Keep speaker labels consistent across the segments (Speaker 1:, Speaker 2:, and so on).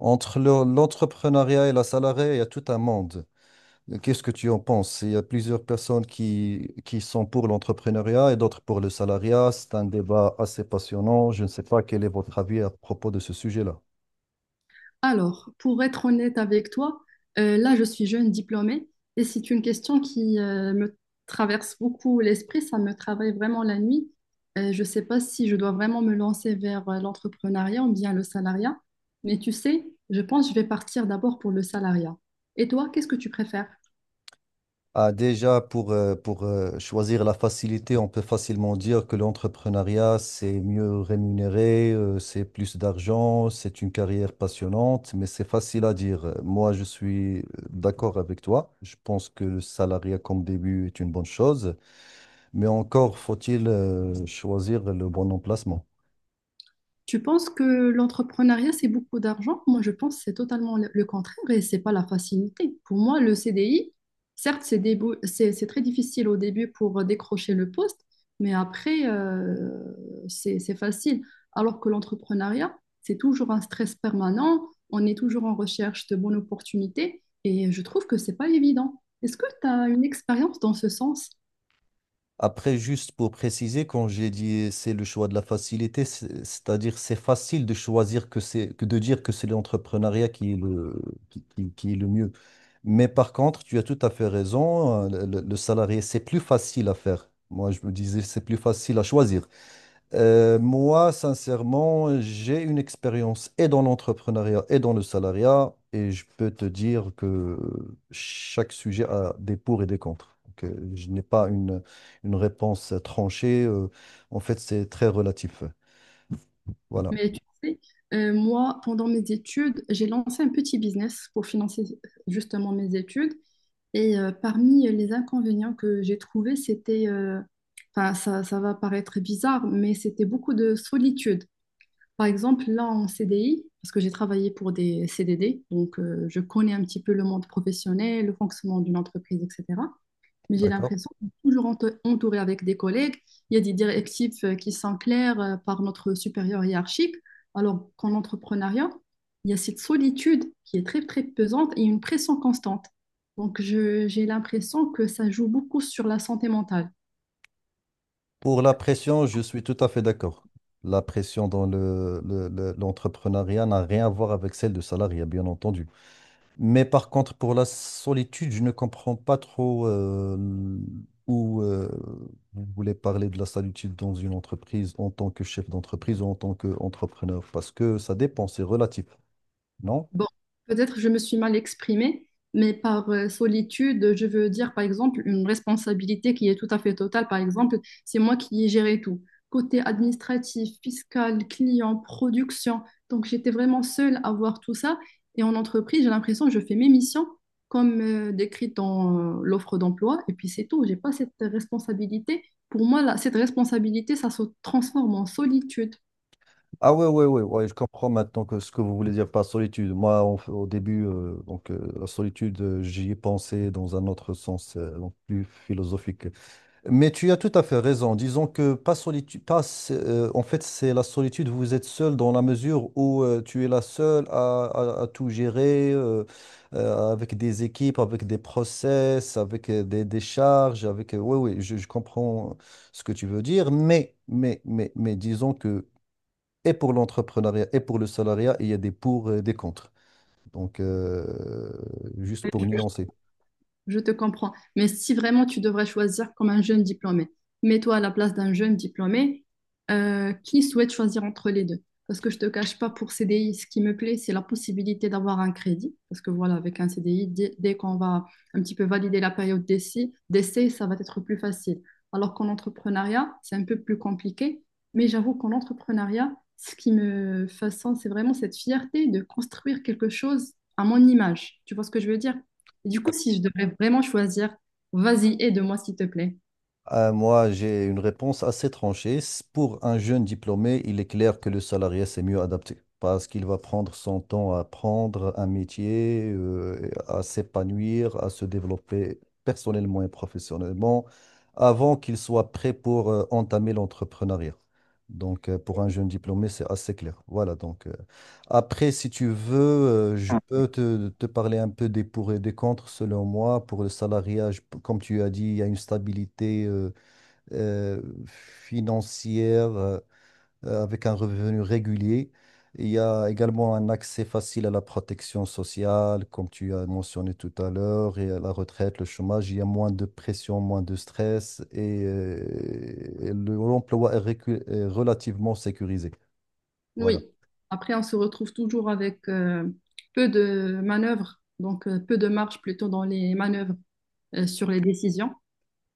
Speaker 1: Entre l'entrepreneuriat et la salariée, il y a tout un monde. Qu'est-ce que tu en penses? Il y a plusieurs personnes qui sont pour l'entrepreneuriat et d'autres pour le salariat. C'est un débat assez passionnant. Je ne sais pas quel est votre avis à propos de ce sujet-là.
Speaker 2: Alors, pour être honnête avec toi, là, je suis jeune diplômée et c'est une question qui me traverse beaucoup l'esprit, ça me travaille vraiment la nuit. Je ne sais pas si je dois vraiment me lancer vers l'entrepreneuriat ou bien le salariat, mais tu sais, je pense que je vais partir d'abord pour le salariat. Et toi, qu'est-ce que tu préfères?
Speaker 1: Ah, déjà, pour choisir la facilité, on peut facilement dire que l'entrepreneuriat, c'est mieux rémunéré, c'est plus d'argent, c'est une carrière passionnante, mais c'est facile à dire. Moi, je suis d'accord avec toi. Je pense que le salariat comme début est une bonne chose, mais encore faut-il choisir le bon emplacement.
Speaker 2: Tu penses que l'entrepreneuriat, c'est beaucoup d'argent? Moi, je pense que c'est totalement le contraire et c'est pas la facilité. Pour moi, le CDI, certes, c'est très difficile au début pour décrocher le poste, mais après, c'est facile. Alors que l'entrepreneuriat, c'est toujours un stress permanent, on est toujours en recherche de bonnes opportunités et je trouve que c'est pas évident. Est-ce que tu as une expérience dans ce sens?
Speaker 1: Après, juste pour préciser, quand j'ai dit c'est le choix de la facilité, c'est-à-dire c'est facile de choisir que c'est que de dire que c'est l'entrepreneuriat qui est le qui est le mieux. Mais par contre, tu as tout à fait raison, le salarié, c'est plus facile à faire. Moi, je me disais c'est plus facile à choisir. Moi, sincèrement, j'ai une expérience et dans l'entrepreneuriat et dans le salariat, et je peux te dire que chaque sujet a des pour et des contre. Donc, je n'ai pas une réponse tranchée. En fait, c'est très relatif. Voilà,
Speaker 2: Mais tu sais, moi, pendant mes études, j'ai lancé un petit business pour financer justement mes études. Et parmi les inconvénients que j'ai trouvés, c'était, enfin, ça va paraître bizarre, mais c'était beaucoup de solitude. Par exemple, là en CDI, parce que j'ai travaillé pour des CDD, donc je connais un petit peu le monde professionnel, le fonctionnement d'une entreprise, etc. Mais j'ai
Speaker 1: d'accord.
Speaker 2: l'impression qu'on est toujours entouré avec des collègues. Il y a des directives qui sont claires par notre supérieur hiérarchique, alors qu'en entrepreneuriat, il y a cette solitude qui est très, très pesante et une pression constante. Donc, j'ai l'impression que ça joue beaucoup sur la santé mentale.
Speaker 1: Pour la pression, je suis tout à fait d'accord. La pression dans l'entrepreneuriat n'a rien à voir avec celle du salariat, bien entendu. Mais par contre, pour la solitude, je ne comprends pas trop où vous voulez parler de la solitude dans une entreprise en tant que chef d'entreprise ou en tant qu'entrepreneur, parce que ça dépend, c'est relatif, non?
Speaker 2: Bon, peut-être je me suis mal exprimée, mais par solitude, je veux dire par exemple une responsabilité qui est tout à fait totale. Par exemple, c'est moi qui ai géré tout. Côté administratif, fiscal, client, production. Donc j'étais vraiment seule à voir tout ça. Et en entreprise, j'ai l'impression que je fais mes missions comme décrites dans l'offre d'emploi. Et puis c'est tout. J'ai pas cette responsabilité. Pour moi, là, cette responsabilité, ça se transforme en solitude.
Speaker 1: Ah, ouais, ouais, ouais, ouais, je comprends maintenant que ce que vous voulez dire par solitude. Moi, en au début, la solitude, j'y ai pensé dans un autre sens, donc plus philosophique. Mais tu as tout à fait raison. Disons que pas solitude, pas, en fait, c'est la solitude. Vous êtes seul dans la mesure où tu es la seule à tout gérer avec des équipes, avec des process, avec des charges, avec. Oui, oui, je comprends ce que tu veux dire. Mais, disons que et pour l'entrepreneuriat et pour le salariat, il y a des pour et des contre. Donc, juste pour nuancer.
Speaker 2: Je te comprends. Mais si vraiment tu devrais choisir comme un jeune diplômé, mets-toi à la place d'un jeune diplômé qui souhaite choisir entre les deux. Parce que je ne te cache pas, pour CDI, ce qui me plaît, c'est la possibilité d'avoir un crédit. Parce que voilà, avec un CDI, dès qu'on va un petit peu valider la période d'essai, ça va être plus facile. Alors qu'en entrepreneuriat, c'est un peu plus compliqué. Mais j'avoue qu'en entrepreneuriat, ce qui me façonne, c'est vraiment cette fierté de construire quelque chose à mon image. Tu vois ce que je veux dire? Et du coup, si je devrais vraiment choisir, vas-y, aide-moi, s'il te plaît.
Speaker 1: Moi, j'ai une réponse assez tranchée. Pour un jeune diplômé, il est clair que le salarié, c'est mieux adapté parce qu'il va prendre son temps à apprendre un métier, à s'épanouir, à se développer personnellement et professionnellement avant qu'il soit prêt pour entamer l'entrepreneuriat. Donc, pour un jeune diplômé, c'est assez clair. Voilà, donc, après, si tu veux, je
Speaker 2: Ah,
Speaker 1: peux te parler un peu des pour et des contre, selon moi. Pour le salariat, comme tu as dit, il y a une stabilité. Euh, Financière avec un revenu régulier. Il y a également un accès facile à la protection sociale, comme tu as mentionné tout à l'heure, et à la retraite, le chômage. Il y a moins de pression, moins de stress et l'emploi est relativement sécurisé. Voilà.
Speaker 2: Oui. Après, on se retrouve toujours avec peu de manœuvres, donc peu de marge plutôt dans les manœuvres sur les décisions.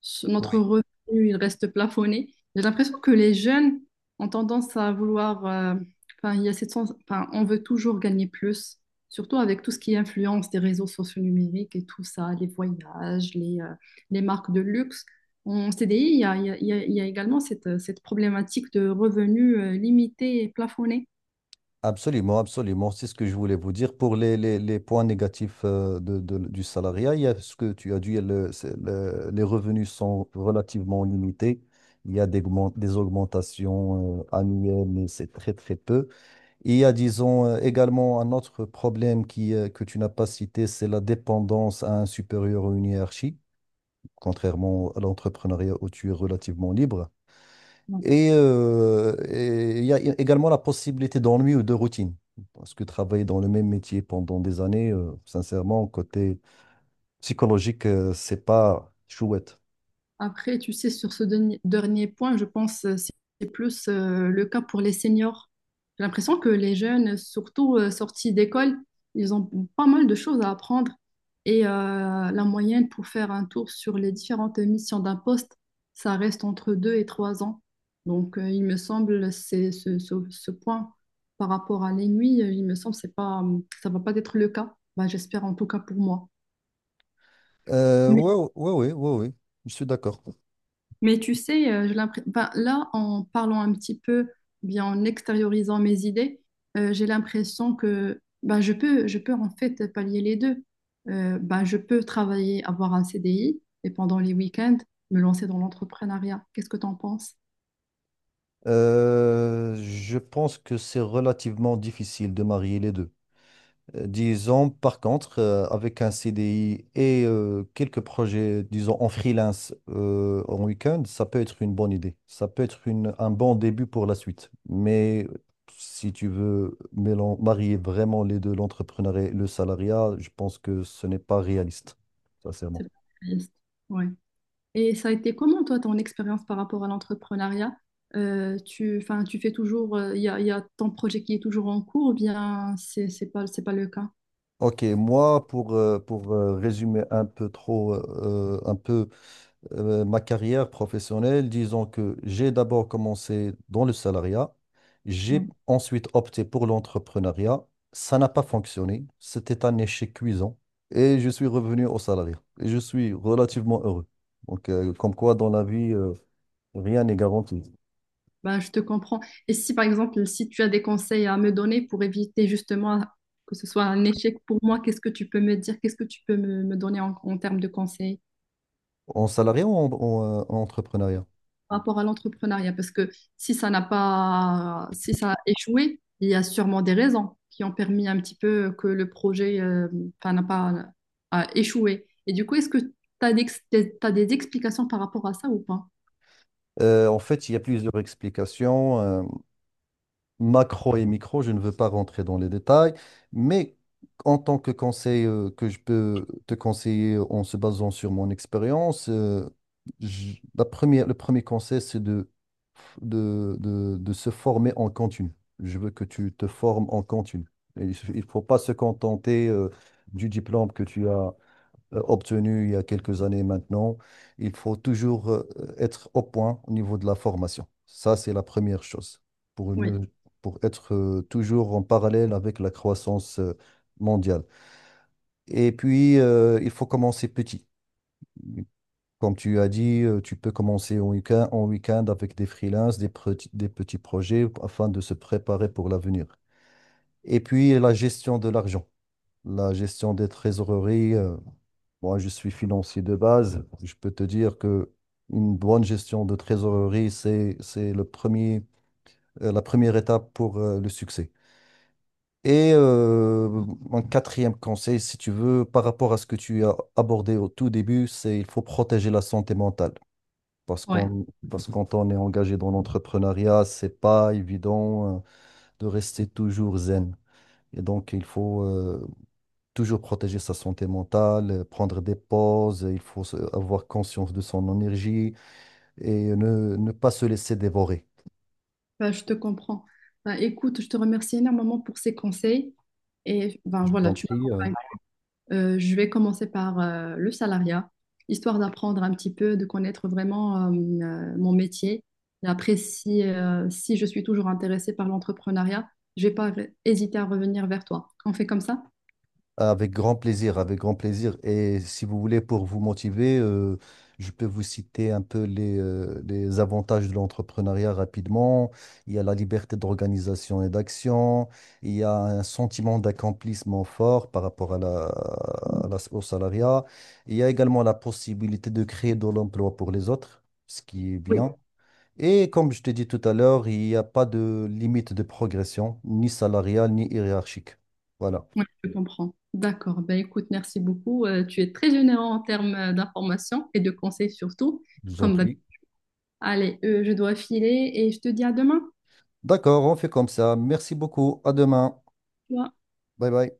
Speaker 2: Notre revenu, il reste plafonné. J'ai l'impression que les jeunes ont tendance à vouloir, enfin, il y a cette enfin, on veut toujours gagner plus, surtout avec tout ce qui influence des réseaux sociaux numériques et tout ça, les voyages, les marques de luxe. En CDI, il y a également cette problématique de revenus, limités et plafonnés.
Speaker 1: Absolument, absolument. C'est ce que je voulais vous dire. Pour les points négatifs de, du salariat, il y a ce que tu as dit, les revenus sont relativement limités. Il y a des augmentations annuelles, mais c'est très, très peu. Et il y a, disons, également un autre problème que tu n'as pas cité, c'est la dépendance à un supérieur ou une hiérarchie, contrairement à l'entrepreneuriat où tu es relativement libre. Et il y a également la possibilité d'ennui ou de routine. Parce que travailler dans le même métier pendant des années, sincèrement, côté psychologique, c'est pas chouette.
Speaker 2: Après, tu sais, sur ce dernier point, je pense c'est plus le cas pour les seniors. J'ai l'impression que les jeunes, surtout sortis d'école, ils ont pas mal de choses à apprendre. Et la moyenne pour faire un tour sur les différentes missions d'un poste, ça reste entre 2 et 3 ans. Donc, il me semble, c'est ce point par rapport à l'ennui, il me semble, que c'est pas, ça va pas être le cas. Ben, j'espère en tout cas pour moi.
Speaker 1: Ouais, ouais, ouais, ouais, ouais, je suis d'accord.
Speaker 2: Mais tu sais, ben, là, en parlant un petit peu, bien en extériorisant mes idées, j'ai l'impression que ben, je peux en fait pallier les deux. Ben, je peux travailler, avoir un CDI et pendant les week-ends, me lancer dans l'entrepreneuriat. Qu'est-ce que tu en penses?
Speaker 1: Je pense que c'est relativement difficile de marier les deux. Disons, par contre, avec un CDI et quelques projets, disons, en freelance en week-end, ça peut être une bonne idée. Ça peut être un bon début pour la suite. Mais si tu veux marier vraiment les deux, l'entrepreneuriat et le salariat, je pense que ce n'est pas réaliste,
Speaker 2: C'est
Speaker 1: sincèrement.
Speaker 2: pas réaliste. Ouais. Et ça a été comment, toi, ton expérience par rapport à l'entrepreneuriat? Enfin, tu fais toujours, y a ton projet qui est toujours en cours ou bien c'est pas, c'est pas le cas?
Speaker 1: Ok, moi, pour résumer un peu trop, un peu ma carrière professionnelle, disons que j'ai d'abord commencé dans le salariat,
Speaker 2: Ouais.
Speaker 1: j'ai ensuite opté pour l'entrepreneuriat. Ça n'a pas fonctionné, c'était un échec cuisant et je suis revenu au salariat et je suis relativement heureux. Donc, comme quoi dans la vie, rien n'est garanti.
Speaker 2: Bah, je te comprends. Et si, par exemple, si tu as des conseils à me donner pour éviter justement que ce soit un échec pour moi, qu'est-ce que tu peux me dire? Qu'est-ce que tu peux me donner en termes de conseils
Speaker 1: En salariat ou en entrepreneuriat?
Speaker 2: par rapport à l'entrepreneuriat? Parce que si ça a échoué, il y a sûrement des raisons qui ont permis un petit peu que le projet, enfin, n'a pas a échoué. Et du coup, est-ce que tu as des, t'as des explications par rapport à ça ou pas?
Speaker 1: En fait, il y a plusieurs explications. Macro et micro, je ne veux pas rentrer dans les détails, mais en tant que conseil que je peux te conseiller en se basant sur mon expérience, la première, le premier conseil, c'est de se former en continu. Je veux que tu te formes en continu. Et il ne faut pas se contenter du diplôme que tu as obtenu il y a quelques années maintenant. Il faut toujours être au point au niveau de la formation. Ça, c'est la première chose pour
Speaker 2: Oui,
Speaker 1: ne- pour être toujours en parallèle avec la croissance mondiale. Et puis, il faut commencer petit. Comme tu as dit, tu peux commencer en week-end avec des freelances, des petits projets afin de se préparer pour l'avenir. Et puis, la gestion de l'argent, la gestion des trésoreries. Moi, je suis financier de base. Je peux te dire que une bonne gestion de trésorerie, c'est le premier, la première étape pour le succès. Et un quatrième conseil, si tu veux, par rapport à ce que tu as abordé au tout début, c'est il faut protéger la santé mentale. Parce
Speaker 2: ouais.
Speaker 1: qu'on, parce que quand on est engagé dans l'entrepreneuriat, c'est pas évident de rester toujours zen. Et donc, il faut toujours protéger sa santé mentale, prendre des pauses, il faut avoir conscience de son énergie et ne pas se laisser dévorer.
Speaker 2: Ben, je te comprends. Ben, écoute, je te remercie énormément pour ces conseils. Et ben,
Speaker 1: Je vous
Speaker 2: voilà,
Speaker 1: en
Speaker 2: tu m'as
Speaker 1: prie.
Speaker 2: convaincue. Je vais commencer par le salariat, histoire d'apprendre un petit peu, de connaître vraiment mon métier. Et après, si, si je suis toujours intéressée par l'entrepreneuriat, je vais pas hésiter à revenir vers toi. On fait comme ça?
Speaker 1: Avec grand plaisir, avec grand plaisir. Et si vous voulez, pour vous motiver, je peux vous citer un peu les avantages de l'entrepreneuriat rapidement. Il y a la liberté d'organisation et d'action. Il y a un sentiment d'accomplissement fort par rapport à au salariat. Il y a également la possibilité de créer de l'emploi pour les autres, ce qui est
Speaker 2: Oui.
Speaker 1: bien. Et comme je t'ai dit tout à l'heure, il n'y a pas de limite de progression, ni salariale, ni hiérarchique. Voilà,
Speaker 2: Oui, je comprends. D'accord. Ben, écoute, merci beaucoup. Tu es très généreux en termes d'informations et de conseils surtout,
Speaker 1: je vous en
Speaker 2: comme
Speaker 1: prie.
Speaker 2: Allez, je dois filer et je te dis à demain.
Speaker 1: D'accord, on fait comme ça. Merci beaucoup. À demain.
Speaker 2: Tu vois.
Speaker 1: Bye bye.